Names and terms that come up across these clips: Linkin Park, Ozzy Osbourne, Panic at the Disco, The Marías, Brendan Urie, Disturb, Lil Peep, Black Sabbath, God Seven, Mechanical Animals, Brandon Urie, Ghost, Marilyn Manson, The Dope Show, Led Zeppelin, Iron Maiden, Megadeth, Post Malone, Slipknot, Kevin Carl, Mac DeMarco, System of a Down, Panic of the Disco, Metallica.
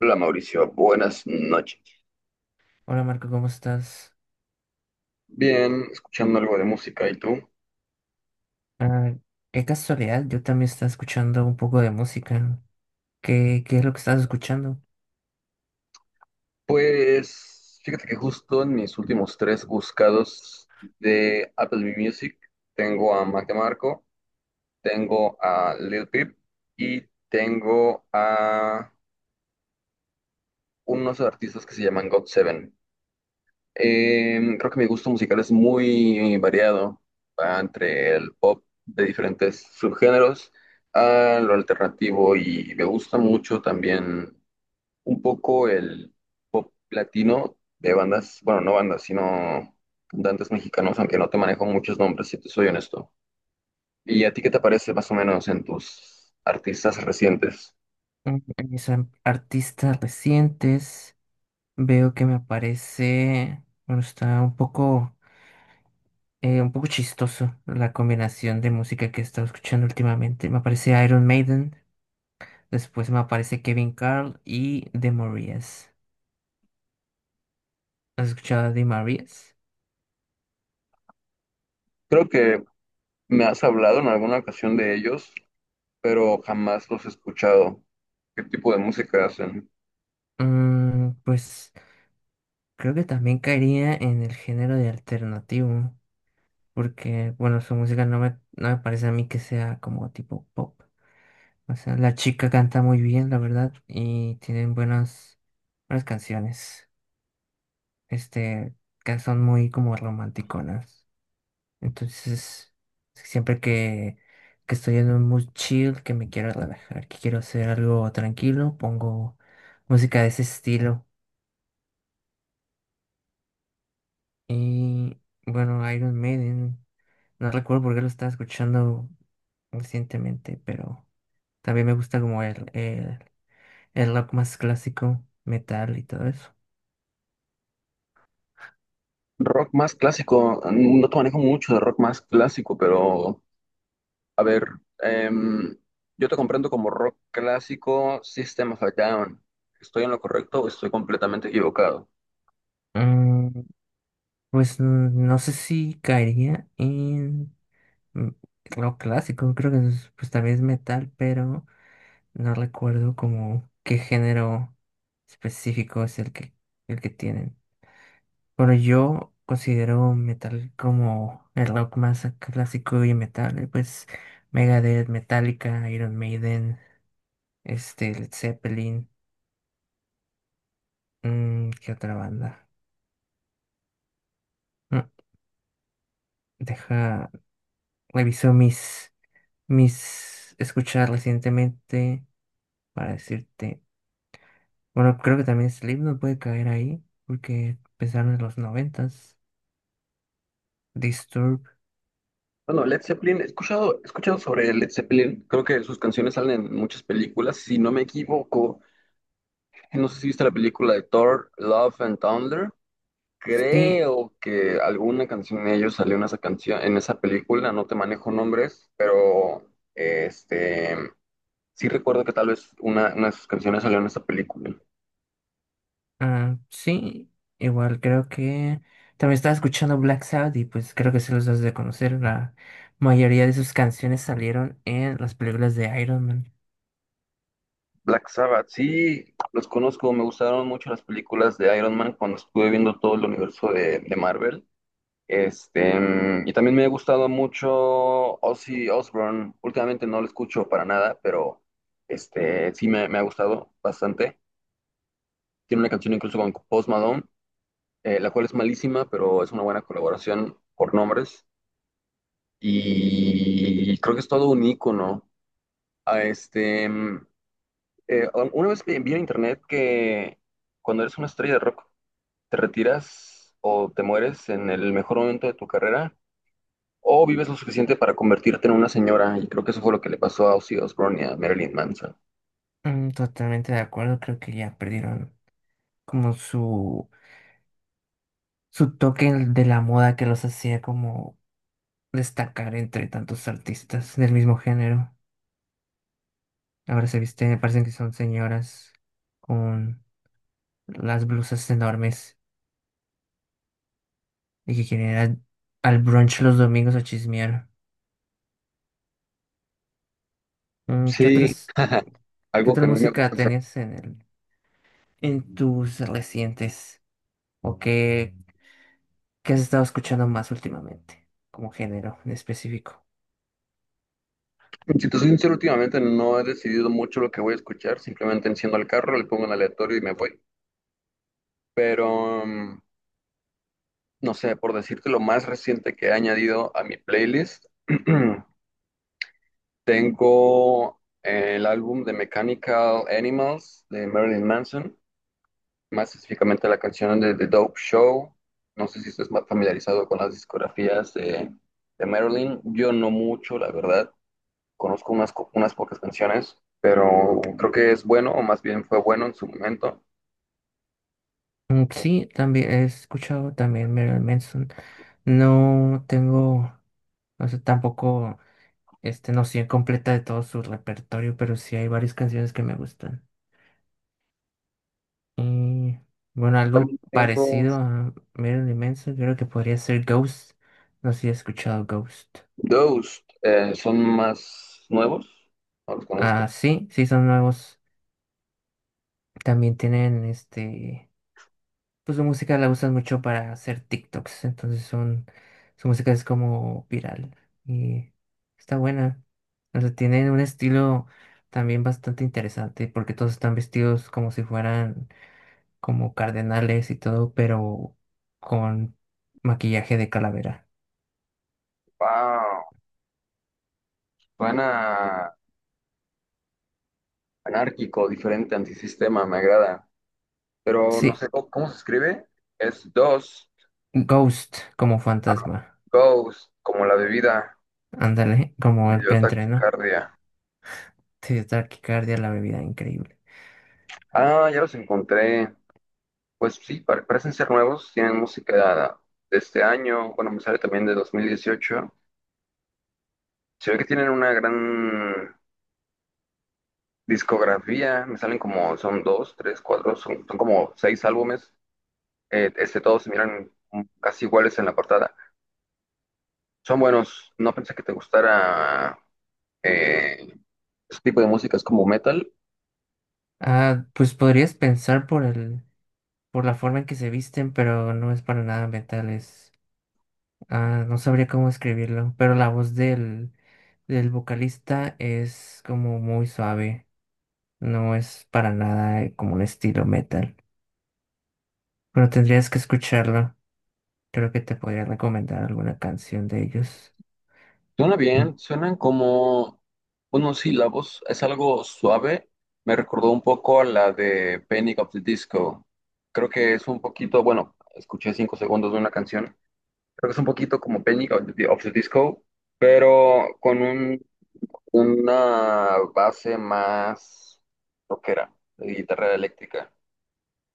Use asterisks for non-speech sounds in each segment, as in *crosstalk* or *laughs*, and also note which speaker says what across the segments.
Speaker 1: Hola Mauricio, buenas noches.
Speaker 2: Hola Marco, ¿cómo estás?
Speaker 1: Bien, escuchando algo de música, ¿y tú?
Speaker 2: Ah, qué casualidad, yo también estaba escuchando un poco de música. ¿Qué es lo que estás escuchando?
Speaker 1: Pues fíjate que justo en mis últimos tres buscados de Apple Music tengo a Mac DeMarco, tengo a Lil Peep y tengo a unos artistas que se llaman God Seven. Creo que mi gusto musical es muy variado, va entre el pop de diferentes subgéneros a lo alternativo y me gusta mucho también un poco el latino de bandas, bueno, no bandas, sino cantantes mexicanos, aunque no te manejo muchos nombres, si te soy honesto. ¿Y a ti qué te parece más o menos en tus artistas recientes?
Speaker 2: En mis artistas recientes veo que me aparece, bueno, está un poco chistoso la combinación de música que he estado escuchando últimamente. Me aparece Iron Maiden, después me aparece Kevin Carl y The Marías. ¿Has escuchado a The Marías?
Speaker 1: Creo que me has hablado en alguna ocasión de ellos, pero jamás los he escuchado. ¿Qué tipo de música hacen?
Speaker 2: Pues creo que también caería en el género de alternativo, porque, bueno, su música no me parece a mí que sea como tipo pop. O sea, la chica canta muy bien, la verdad, y tienen buenas canciones, este, que son muy como romanticonas. Entonces, siempre que estoy en un mood chill, que me quiero relajar, que quiero hacer algo tranquilo, pongo música de ese estilo. Y, bueno, Iron Maiden, no recuerdo por qué lo estaba escuchando recientemente, pero también me gusta como el rock más clásico, metal y todo eso.
Speaker 1: Rock más clásico, no te manejo mucho de rock más clásico, pero a ver, em, yo te comprendo como rock clásico, System of a Down. ¿Estoy en lo correcto o estoy completamente equivocado?
Speaker 2: Mm, pues no sé si caería en mm, rock clásico, creo que pues también es metal, pero no recuerdo como qué género específico es el que tienen. Bueno, yo considero metal como el rock más clásico y metal, pues Megadeth, Metallica, Iron Maiden, este, Led Zeppelin, mm, ¿qué otra banda? Mm, deja, reviso mis escuchar recientemente para decirte. Bueno, creo que también Slipknot puede caer ahí, porque empezaron en los noventas. Disturb.
Speaker 1: Bueno, Led Zeppelin, he escuchado sobre Led Zeppelin. Creo que sus canciones salen en muchas películas. Si no me equivoco, no sé si viste la película de Thor, Love and Thunder.
Speaker 2: Sí,
Speaker 1: Creo que alguna canción de ellos salió en esa canción, en esa película. No te manejo nombres, pero este, sí recuerdo que tal vez una de sus canciones salió en esa película.
Speaker 2: ah, sí. Igual creo que también estaba escuchando Black Sabbath y pues creo que se los das de conocer. La mayoría de sus canciones salieron en las películas de Iron Man.
Speaker 1: Black Sabbath, sí, los conozco, me gustaron mucho las películas de Iron Man cuando estuve viendo todo el universo de Marvel. Este, y también me ha gustado mucho Ozzy Osbourne. Últimamente no lo escucho para nada, pero este, sí me ha gustado bastante. Tiene una canción incluso con Post Malone, la cual es malísima, pero es una buena colaboración por nombres. Y creo que es todo un ícono. Ah, este, mm, una vez vi en internet que cuando eres una estrella de rock, te retiras o te mueres en el mejor momento de tu carrera o vives lo suficiente para convertirte en una señora. Y creo que eso fue lo que le pasó a Ozzy Osbourne y a Marilyn Manson.
Speaker 2: Mm, totalmente de acuerdo, creo que ya perdieron como su toque de la moda que los hacía como destacar entre tantos artistas del mismo género. Ahora se visten, me parecen que son señoras con las blusas enormes y que quieren ir al brunch los domingos a chismear. Mm, ¿qué
Speaker 1: Sí, algo
Speaker 2: otra
Speaker 1: que a mí me
Speaker 2: música
Speaker 1: gusta hacer.
Speaker 2: tenías en en tus recientes o qué has estado escuchando más últimamente como género en específico?
Speaker 1: Si te soy sincero, últimamente no he decidido mucho lo que voy a escuchar. Simplemente enciendo el carro, le pongo en aleatorio y me voy. Pero, no sé, por decirte lo más reciente que he añadido a mi playlist. *clears throat* Tengo el álbum de Mechanical Animals de Marilyn Manson, más específicamente la canción de The Dope Show. No sé si estás más familiarizado con las discografías de Marilyn. Yo no mucho, la verdad. Conozco unas pocas canciones, pero creo que es bueno, o más bien fue bueno en su momento.
Speaker 2: Mm, sí, también he escuchado también Marilyn Manson. No tengo, no sé, tampoco este noción completa de todo su repertorio, pero sí hay varias canciones que me gustan. Y bueno,
Speaker 1: También
Speaker 2: algo
Speaker 1: tengo
Speaker 2: parecido a Marilyn Manson, creo que podría ser Ghost. No sé si he escuchado Ghost.
Speaker 1: Ghost, son más nuevos, no los conozco.
Speaker 2: Ah, sí, son nuevos. También tienen este, pues su música la usan mucho para hacer TikToks, entonces son, su música es como viral y está buena. O sea, tienen un estilo también bastante interesante porque todos están vestidos como si fueran como cardenales y todo, pero con maquillaje de calavera.
Speaker 1: Wow, suena anárquico, diferente, antisistema, me agrada, pero no
Speaker 2: Sí,
Speaker 1: sé cómo se escribe. Es dos.
Speaker 2: Ghost como
Speaker 1: Ah,
Speaker 2: fantasma.
Speaker 1: ghost, como la bebida.
Speaker 2: Ándale, *laughs* como
Speaker 1: Me
Speaker 2: el
Speaker 1: dio
Speaker 2: preentreno.
Speaker 1: taquicardia.
Speaker 2: Sí, taquicardia, la bebida increíble.
Speaker 1: Ah, ya los encontré. Pues sí, parecen ser nuevos. Tienen música de este año. Bueno, me sale también de 2018. Se ve que tienen una gran discografía. Me salen como, son dos, tres, cuatro, son, son como seis álbumes. Todos se miran casi iguales en la portada. Son buenos. No pensé que te gustara eh, ese tipo de música es como metal.
Speaker 2: Ah, pues podrías pensar por por la forma en que se visten, pero no es para nada metal, es, ah, no sabría cómo escribirlo, pero la voz del vocalista es como muy suave, no es para nada como un estilo metal, pero tendrías que escucharlo, creo que te podría recomendar alguna canción de ellos.
Speaker 1: Suena
Speaker 2: Mm,
Speaker 1: bien, suenan como unos sílabos, es algo suave. Me recordó un poco a la de Panic of the Disco. Creo que es un poquito, bueno, escuché 5 segundos de una canción. Creo que es un poquito como Panic of the Disco, pero con una base más rockera, de guitarra eléctrica.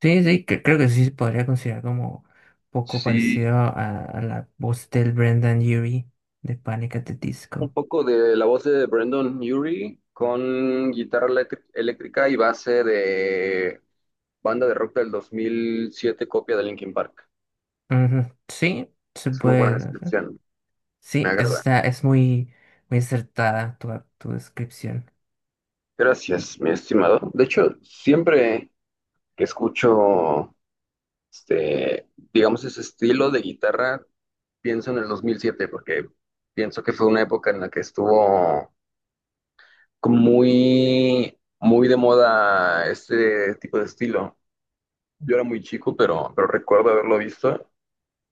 Speaker 2: Sí, creo que sí se podría considerar como poco
Speaker 1: Sí,
Speaker 2: parecido a la voz del Brendan Urie de Panic at the
Speaker 1: un
Speaker 2: Disco.
Speaker 1: poco de la voz de Brandon Urie con guitarra eléctrica y base de banda de rock del 2007, copia de Linkin Park.
Speaker 2: Ujú, sí, se
Speaker 1: Es una buena
Speaker 2: puede hacer.
Speaker 1: descripción, me
Speaker 2: Sí, eso
Speaker 1: agrada.
Speaker 2: está, es muy acertada tu descripción.
Speaker 1: Gracias, mi estimado. De hecho, siempre que escucho, este, digamos, ese estilo de guitarra, pienso en el 2007, porque pienso que fue una época en la que estuvo como muy de moda este tipo de estilo. Yo era muy chico, pero recuerdo haberlo visto.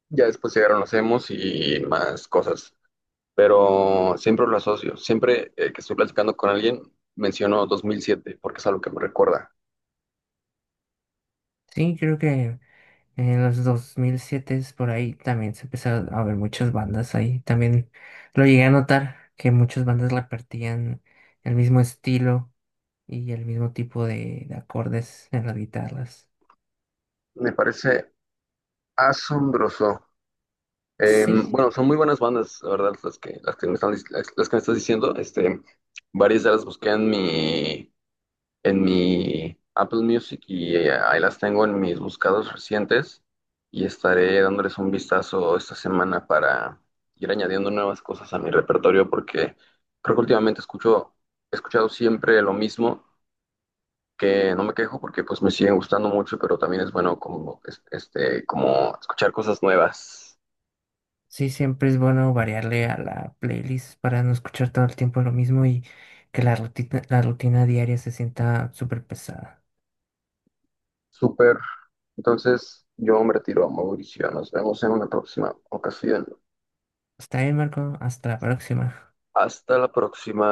Speaker 1: Ya después llegaron los emos y más cosas. Pero siempre lo asocio. Siempre que estoy platicando con alguien, menciono 2007 porque es algo que me recuerda.
Speaker 2: Sí, creo que en los 2007 por ahí también se empezaron a ver muchas bandas ahí. También lo llegué a notar que muchas bandas repartían el mismo estilo y el mismo tipo de acordes en las guitarras.
Speaker 1: Me parece asombroso.
Speaker 2: Sí,
Speaker 1: Bueno, son muy buenas bandas, la verdad, las que me están, las que me estás diciendo. Este, varias ya las busqué en en mi Apple Music y ahí las tengo en mis buscados recientes y estaré dándoles un vistazo esta semana para ir añadiendo nuevas cosas a mi repertorio porque creo que últimamente escucho, he escuchado siempre lo mismo, que no me quejo porque pues me siguen gustando mucho, pero también es bueno como, este, como escuchar cosas nuevas.
Speaker 2: Sí, siempre es bueno variarle a la playlist para no escuchar todo el tiempo lo mismo y que la rutina diaria se sienta súper pesada.
Speaker 1: Súper. Entonces yo me retiro a Mauricio. Nos vemos en una próxima ocasión.
Speaker 2: Está bien, Marco. Hasta la próxima.
Speaker 1: Hasta la próxima.